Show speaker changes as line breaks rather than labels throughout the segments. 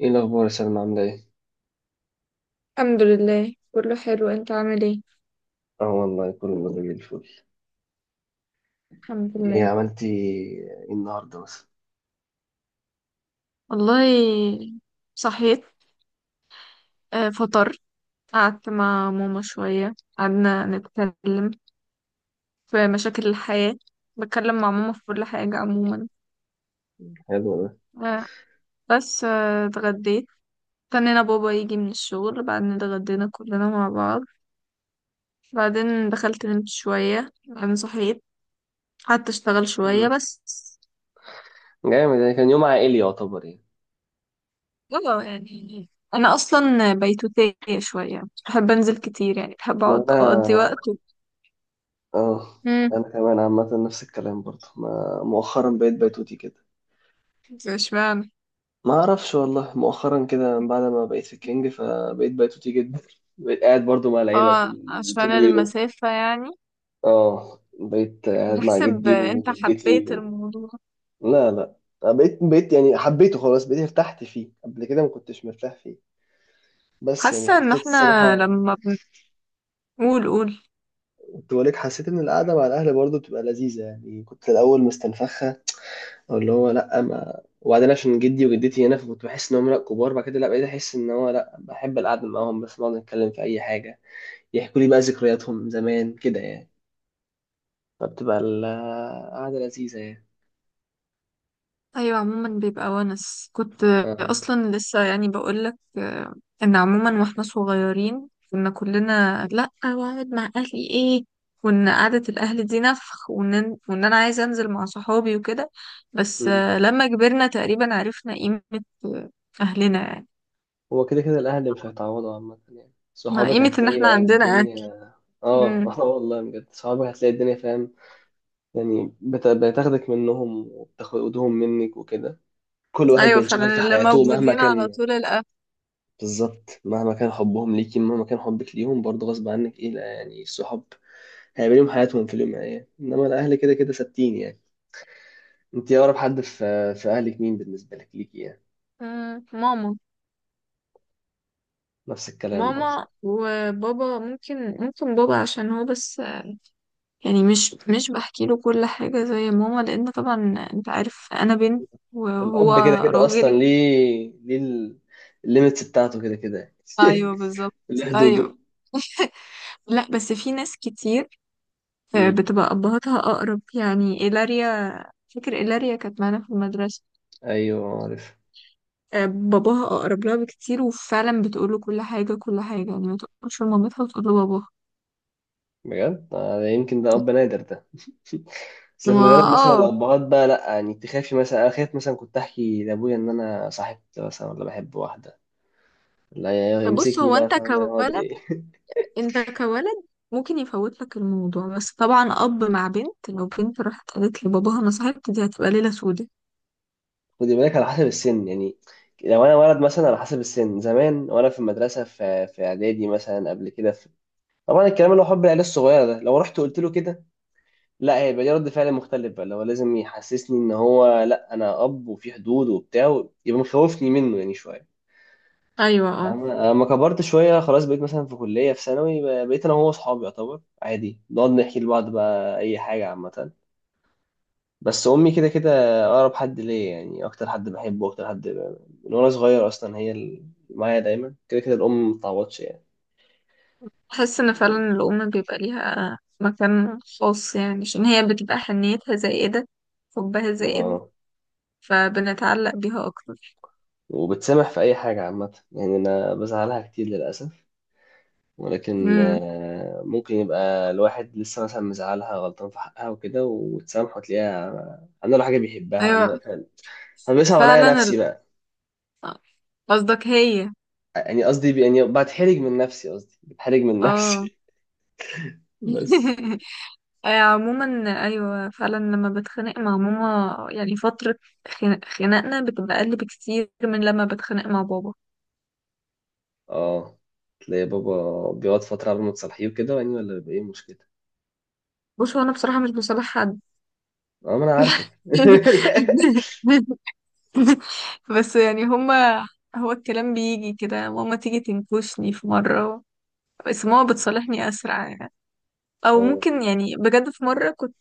ايه الاخبار يا سلمى، عامله ايه؟
الحمد لله كله حلو، انت عامل ايه؟
اه والله كله زي الفل.
الحمد
ايه
لله.
عملتي ايه النهارده مثلا؟
والله، صحيت. فطرت. قعدت مع ماما شوية، قعدنا نتكلم في مشاكل الحياة. بتكلم مع ماما في كل حاجة عموما.
حلو ده.
آه، بس اتغديت. استنينا بابا يجي من الشغل، بعدين اتغدينا كلنا مع بعض. بعدين دخلت نمت شوية، بعدين صحيت. قعدت اشتغل شوية
مم.
بس.
جامد، يعني كان يوم عائلي يعتبر يعني.
اه، يعني انا اصلا بيتوتية شوية، بحب انزل كتير يعني، بحب
ما
اقعد
انا
اقضي وقت.
اه،
امم.
انا كمان عامه نفس الكلام برضه، ما مؤخرا بقيت بيتوتي كده.
اشمعنى؟
ما اعرفش والله، مؤخرا كده من بعد ما بقيت في الكينج فبقيت بيتوتي جدا. بقيت قاعد برضه مع العيله
اه،
طول
عشان
طول اليوم.
المسافة يعني.
اه، بقيت قاعد مع
بحسب
جدي
انت
وجدتي.
حبيت الموضوع؟
لا لا، أنا بقيت يعني حبيته، خلاص بقيت ارتحت فيه، قبل كده ما كنتش مرتاح فيه. بس يعني
حاسة ان
حسيت
احنا
الصراحة.
لما بنقول قول.
كنت بقولك حسيت إن القعدة مع الأهل برضه بتبقى لذيذة يعني، كنت في الأول مستنفخة، أو اللي هو لأ، ما وبعدين عشان جدي وجدتي هنا، فكنت بحس إن هم لأ كبار، بعد كده لأ، بقيت أحس إن هو لأ، بحب القعدة معاهم، بس نقعد نتكلم في أي حاجة، يحكوا لي بقى ذكرياتهم زمان كده يعني. فبتبقى القعدة لذيذة يعني.
ايوه، عموما بيبقى ونس، كنت
آه.
اصلا لسه يعني بقولك. ان عموما واحنا صغيرين كنا كلنا لا، واقعد مع اهلي ايه، وان قعدة الاهل دي نفخ، وان انا عايزه انزل مع صحابي وكده. بس لما كبرنا تقريبا عرفنا قيمة آه، اهلنا يعني.
هو كده كده الأهل مش هيتعوضوا عامة يعني،
ما
صحابك
قيمة ان
هتلاقي
احنا
بقى
عندنا اهل.
الدنيا. اه.
مم.
اه والله بجد، صحابك هتلاقي الدنيا فاهم. يعني بتاخدك منهم وبتاخدهم منك وكده. كل واحد
ايوه
بينشغل في
فعلا، اللي
حياته مهما
موجودين على
كان.
طول الاهل.
بالظبط، مهما كان حبهم ليكي، مهما كان حبك ليهم، برضه غصب عنك ايه، لا يعني الصحاب هيبقى ليهم حياتهم في اليوم يعني. انما الأهل كده كده ثابتين يعني. انت أقرب حد في أهلك مين بالنسبة ليكي يعني؟
مم. ماما.
نفس الكلام برضه.
ماما وبابا، ممكن بابا عشان هو بس، يعني مش بحكي له كل حاجة زي ماما، لأن طبعا أنت عارف أنا بنت وهو
الأب كده كده أصلا
راجل.
ليه، ليه الليميتس بتاعته كده كده.
أيوه بالظبط.
ليه
أيوه.
حدوده.
لا، بس في ناس كتير
امم
بتبقى أبهاتها أقرب، يعني إيلاريا. فاكر إيلاريا كانت معانا في المدرسة.
أيوه عارف.
باباها أقرب لها بكتير، وفعلا بتقول له كل حاجة كل حاجة يعني، ما تقولش لمامتها وتقول له باباها.
بجد يمكن ده أب نادر ده. بس في
ما،
الغالب مثلا
اه.
الأبهات بقى لأ، يعني تخافي مثلا، أنا خايف مثلا كنت أحكي لأبويا إن أنا صاحبت مثلا، ولا بحب واحدة. لا،
بص
يمسكني
هو
بقى
أنت
فاهمة، يقعد
كولد.
إيه.
انت كولد. ممكن يفوت لك الموضوع، بس طبعا اب مع بنت، لو بنت راحت قالت لباباها انا صاحبت، دي هتبقى ليله سودة.
خدي بالك على حسب السن يعني. لو أنا ولد مثلا على حسب السن زمان وأنا في المدرسة، في في إعدادي مثلا، قبل كده. طبعا الكلام اللي هو حب العيال الصغيرة ده، لو رحت قلت له كده، لا هي يبقى ليه رد فعل مختلف بقى، اللي هو لازم يحسسني ان هو لا انا اب وفي حدود وبتاع، يبقى مخوفني منه يعني شويه.
ايوه اه.
أما كبرت شوية خلاص، بقيت مثلا في كلية، في ثانوي، بقيت أنا وهو أصحابي يعتبر، عادي نقعد نحكي لبعض بقى أي حاجة عامة. بس أمي كده كده أقرب حد ليا يعني، أكتر حد بحبه، أكتر حد من وأنا صغير أصلا هي اللي معايا دايما، كده كده الأم متعوضش يعني.
بحس ان فعلا الام بيبقى ليها مكان خاص يعني، عشان هي بتبقى حنيتها زائده، حبها زائد،
آه
فبنتعلق بيها اكتر.
وبتسامح في أي حاجة عامة يعني، أنا بزعلها كتير للأسف، ولكن
امم.
ممكن يبقى الواحد لسه مثلا مزعلها، غلطان في حقها وكده، وتسامحه، تلاقيها عامله له حاجه بيحبها، عامله
ايوه
له فاهم. طب بيصعب عليا
فعلا
نفسي بقى،
قصدك هي.
يعني قصدي يعني بتحرج من نفسي، قصدي بتحرج من
اه.
نفسي. بس
عموما. ايوه فعلا، لما بتخانق مع ماما يعني فتره، خناقنا بتبقى اقل بكتير من لما بتخانق مع بابا.
اه تلاقي بابا بيقعد فتره قبل ما تصالحيه وكده يعني، ولا بيبقى ايه المشكله؟
بص هو انا بصراحه مش بصالح حد.
اه ما انا عارفك.
بس يعني هما، هو الكلام بيجي كده، ماما تيجي تنكشني في مره، بس ماما بتصالحني اسرع يعني. او
اه،
ممكن يعني، بجد في مره كنت،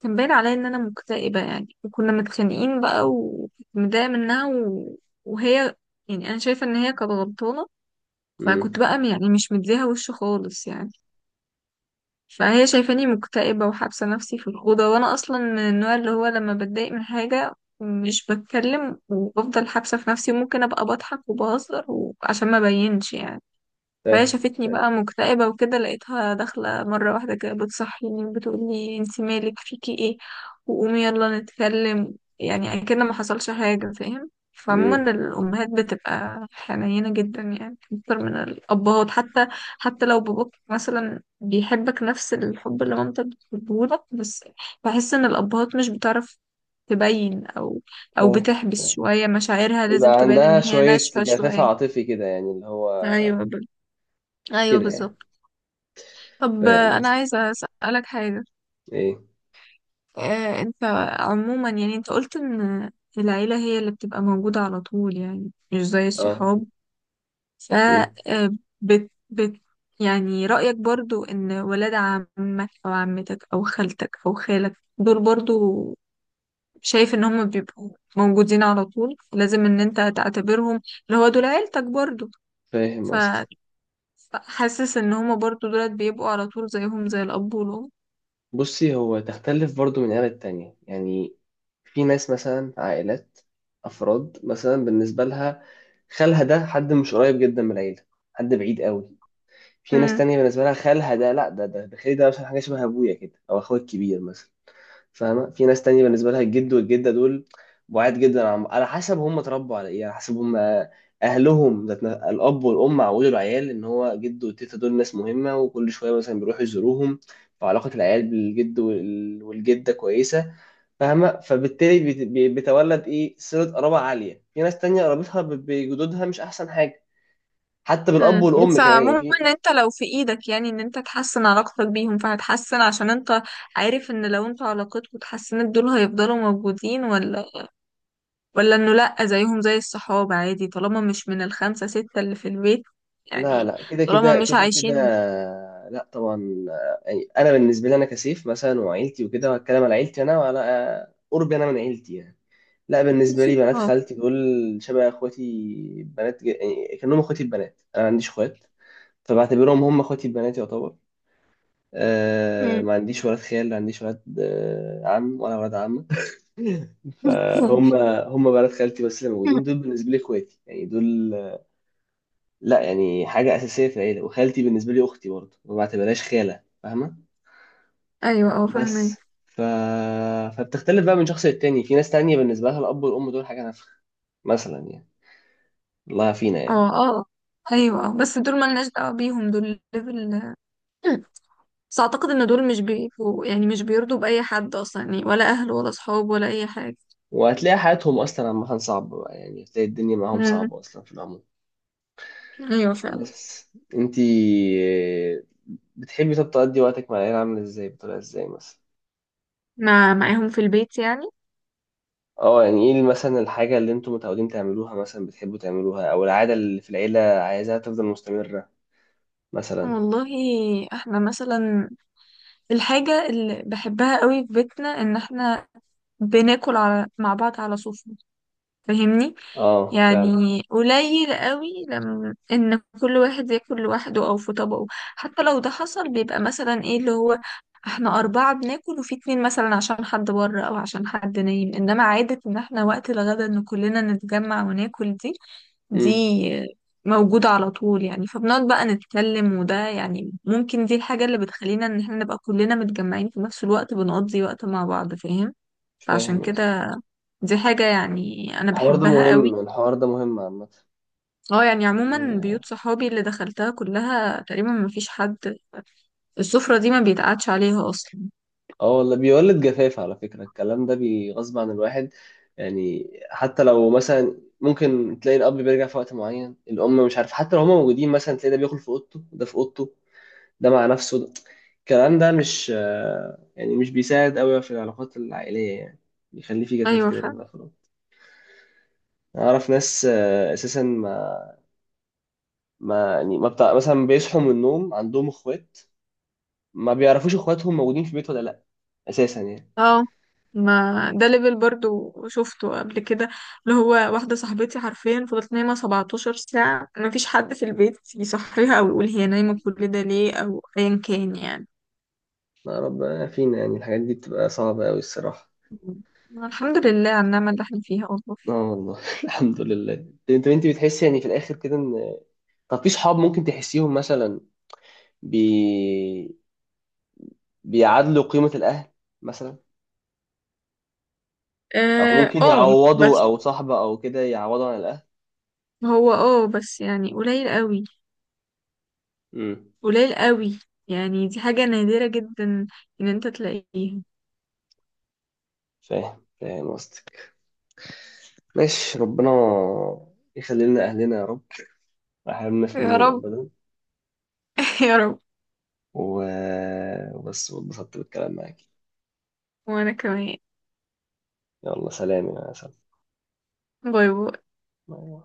كان باين عليا ان انا مكتئبه يعني، وكنا متخانقين بقى، وكنت متضايقه منها، و... وهي يعني، انا شايفه ان هي كانت غلطانه، فكنت
امم
بقى يعني مش مديها وش خالص يعني. فهي شايفاني مكتئبة وحابسة نفسي في الأوضة، وأنا أصلا من النوع اللي هو لما بتضايق من حاجة مش بتكلم، وبفضل حابسة في نفسي، وممكن أبقى بضحك وبهزر وعشان ما بينش يعني. فهي
فاهم
شافتني
فاهم.
بقى مكتئبة وكده، لقيتها داخلة مرة واحدة كده بتصحيني وبتقولي انتي مالك فيكي ايه، وقومي يلا نتكلم، يعني اكن ما حصلش حاجة فاهم.
امم
فعموما الأمهات بتبقى حنينة جدا يعني، أكتر من الأبهات حتى. حتى لو باباك مثلا بيحبك نفس الحب اللي مامتك بتحبهولك، بس بحس إن الأبهات مش بتعرف تبين، أو أو
فاهم
بتحبس
فاهم.
شوية مشاعرها، لازم
بيبقى
تبان إن
عندها
هي
شويه
ناشفة
جفاف
شوية.
عاطفي كده يعني، اللي هو
أيوه أيوه
كده يعني.
بالظبط. طب
فاهم
انا
قصدي.
عايزه اسالك حاجه.
ايه؟
انت عموما يعني، انت قلت ان العيله هي اللي بتبقى موجوده على طول، يعني مش زي
اه،
الصحاب. ف
امم
آه، بت بت يعني رايك برضو ان ولاد عمك او عمتك او خالتك او خالك دول برضو، شايف ان هم بيبقوا موجودين على طول، لازم ان انت تعتبرهم اللي هو دول عيلتك برضو؟
فاهم
ف
قصدك.
فحاسس ان هم برضو دولت بيبقوا على طول زيهم زي الاب والام؟
بصي، هو تختلف برضو من عيلة تانية يعني. في ناس مثلا، عائلات، افراد مثلا، بالنسبة لها خالها ده حد مش قريب جدا من العيلة، حد بعيد قوي. في ناس تانية بالنسبة لها خالها ده، لا ده خالي ده مثلا، حاجة شبه ابويا كده، او اخويا الكبير مثلا. فاهمه. في ناس تانية بالنسبه لها الجد والجده دول بعاد جدا، عن على حسب هم اتربوا على ايه، على حسب هم اهلهم، الاب والام عودوا العيال ان هو جد والتيتا دول ناس مهمه، وكل شويه مثلا بيروحوا يزوروهم، فعلاقه العيال بالجد والجده كويسه. فاهمه. فبالتالي بيتولد ايه صله قرابه عاليه. في ناس تانية قرابتها بجدودها مش احسن حاجه، حتى بالاب
امم.
والام
بس
كمان يعني.
عموما، ان
في
انت لو في ايدك يعني ان انت تحسن علاقتك بيهم فهتحسن، عشان انت عارف ان لو انت علاقتكوا اتحسنت دول هيفضلوا موجودين، ولا انه لا، زيهم زي الصحاب عادي طالما مش من الخمسة ستة اللي في البيت
لا
يعني،
لا كده
طالما
كده
مش
كده كده،
عايشين.
لا طبعا. يعني انا بالنسبه لي انا كسيف مثلا وعيلتي وكده، وهتكلم على عيلتي انا، وعلى قربي انا من عيلتي يعني. لا بالنسبه لي بنات
اه.
خالتي دول شبه اخواتي، بنات يعني كانهم اخواتي البنات، انا ما عنديش اخوات، فبعتبرهم هم اخواتي البنات يعتبر. أه
أمم.
ما عنديش ولاد خال، لا عنديش ولاد عم ولا ولاد عم. فهم هم بنات خالتي بس اللي موجودين دول، بالنسبه لي اخواتي يعني دول، لا يعني حاجة أساسية في العيلة. وخالتي بالنسبة لي أختي برضه، ما بعتبرهاش خالة فاهمة.
ايوه اه
بس
فاهمك.
ف... فبتختلف بقى من شخص للتاني. في ناس تانية بالنسبة لها الأب والأم دول حاجة نفخ مثلا يعني، الله فينا يعني.
اه اه. ايوه اه، بس دول ملناش دعوة بيهم، دول ليفل. بس اعتقد ان دول مش بيبقوا يعني، مش بيرضوا باي حد اصلا يعني، ولا اهل ولا اصحاب ولا اي حاجة.
وهتلاقي حياتهم أصلا عامة صعبة بقى يعني، هتلاقي الدنيا معاهم
مم.
صعبة أصلا في العموم.
ايوه فعلا.
بس انتي بتحبي طب تقضي وقتك مع العيلة عاملة ازاي، بطريقة ازاي مثلا؟
مع معاهم في البيت يعني؟
اه يعني ايه مثلا الحاجة اللي انتوا متعودين تعملوها مثلا، بتحبوا تعملوها، أو العادة اللي في العيلة عايزاها تفضل مستمرة مثلا.
والله، احنا مثلا الحاجة اللي بحبها قوي في بيتنا ان احنا بناكل مع بعض على صوف، فاهمني؟
اه فعلا.
يعني قليل قوي لما ان كل واحد ياكل لوحده او في طبقه، حتى لو ده حصل بيبقى مثلا ايه اللي هو احنا اربعة بناكل وفي اتنين مثلا عشان حد بره او عشان حد نايم، انما عادة ان احنا وقت الغدا ان كلنا نتجمع وناكل، دي
امم
موجودة على طول يعني. فبنقعد بقى نتكلم وده يعني، ممكن دي الحاجة اللي بتخلينا ان احنا نبقى كلنا متجمعين في نفس الوقت، بنقضي وقت مع بعض فاهم. فعشان
فاهم قصدي.
كده، دي حاجة يعني أنا
الحوار ده
بحبها قوي.
مهم، الحوار ده مهم عامة.
اه يعني، عموما
بي-
بيوت صحابي اللي دخلتها كلها تقريبا ما فيش حد، السفرة دي ما بيتقعدش عليها أصلا.
اه والله بيولد جفاف، على فكرة الكلام ده بيغصب عن الواحد يعني. حتى لو مثلا ممكن تلاقي الأب بيرجع في وقت معين، الأم مش عارف، حتى لو هما موجودين مثلا تلاقي ده بياكل في أوضته، ده في أوضته، ده مع نفسه ده. الكلام ده مش يعني مش بيساعد قوي في العلاقات العائلية يعني، بيخلي في جفاف
أيوة
كده بين
فعلا.
الأفراد. أعرف ناس أساسا ما يعني ما بتاع مثلا، بيصحوا من النوم عندهم إخوات ما بيعرفوش اخواتهم موجودين في البيت ولا لا اساسا يعني.
اه، ما ده ليفل برضو شفته قبل كده، اللي هو واحدة صاحبتي حرفيا فضلت نايمة 17 ساعة، ما فيش حد في البيت يصحيها أو يقول هي نايمة كل ده ليه أو أيا كان يعني.
ما ربنا فينا يعني، الحاجات دي بتبقى صعبة قوي الصراحة.
الحمد لله على النعمة اللي احنا فيها والله.
اه والله. الحمد لله. انت بتحس يعني في الاخر كده ان، طب في صحاب ممكن تحسيهم مثلا بي... بيعادلوا قيمة الاهل مثلا، او
اه.
ممكن
بس
يعوضوا، او صاحبة او كده يعوضوا عن الاهل؟
هو اه بس يعني، قليل قوي،
امم
قليل قوي، يعني دي حاجة نادرة جدا ان انت تلاقيها.
فاهم فاهم قصدك. ماشي، ربنا يخلي لنا اهلنا يا رب، ما يحرمناش
يا
منهم
رب.
ابدا.
يا رب.
و... وبس، واتبسطت بالكلام معاك.
وانا كمان.
يلا سلام يا سلام.
باي باي.
ما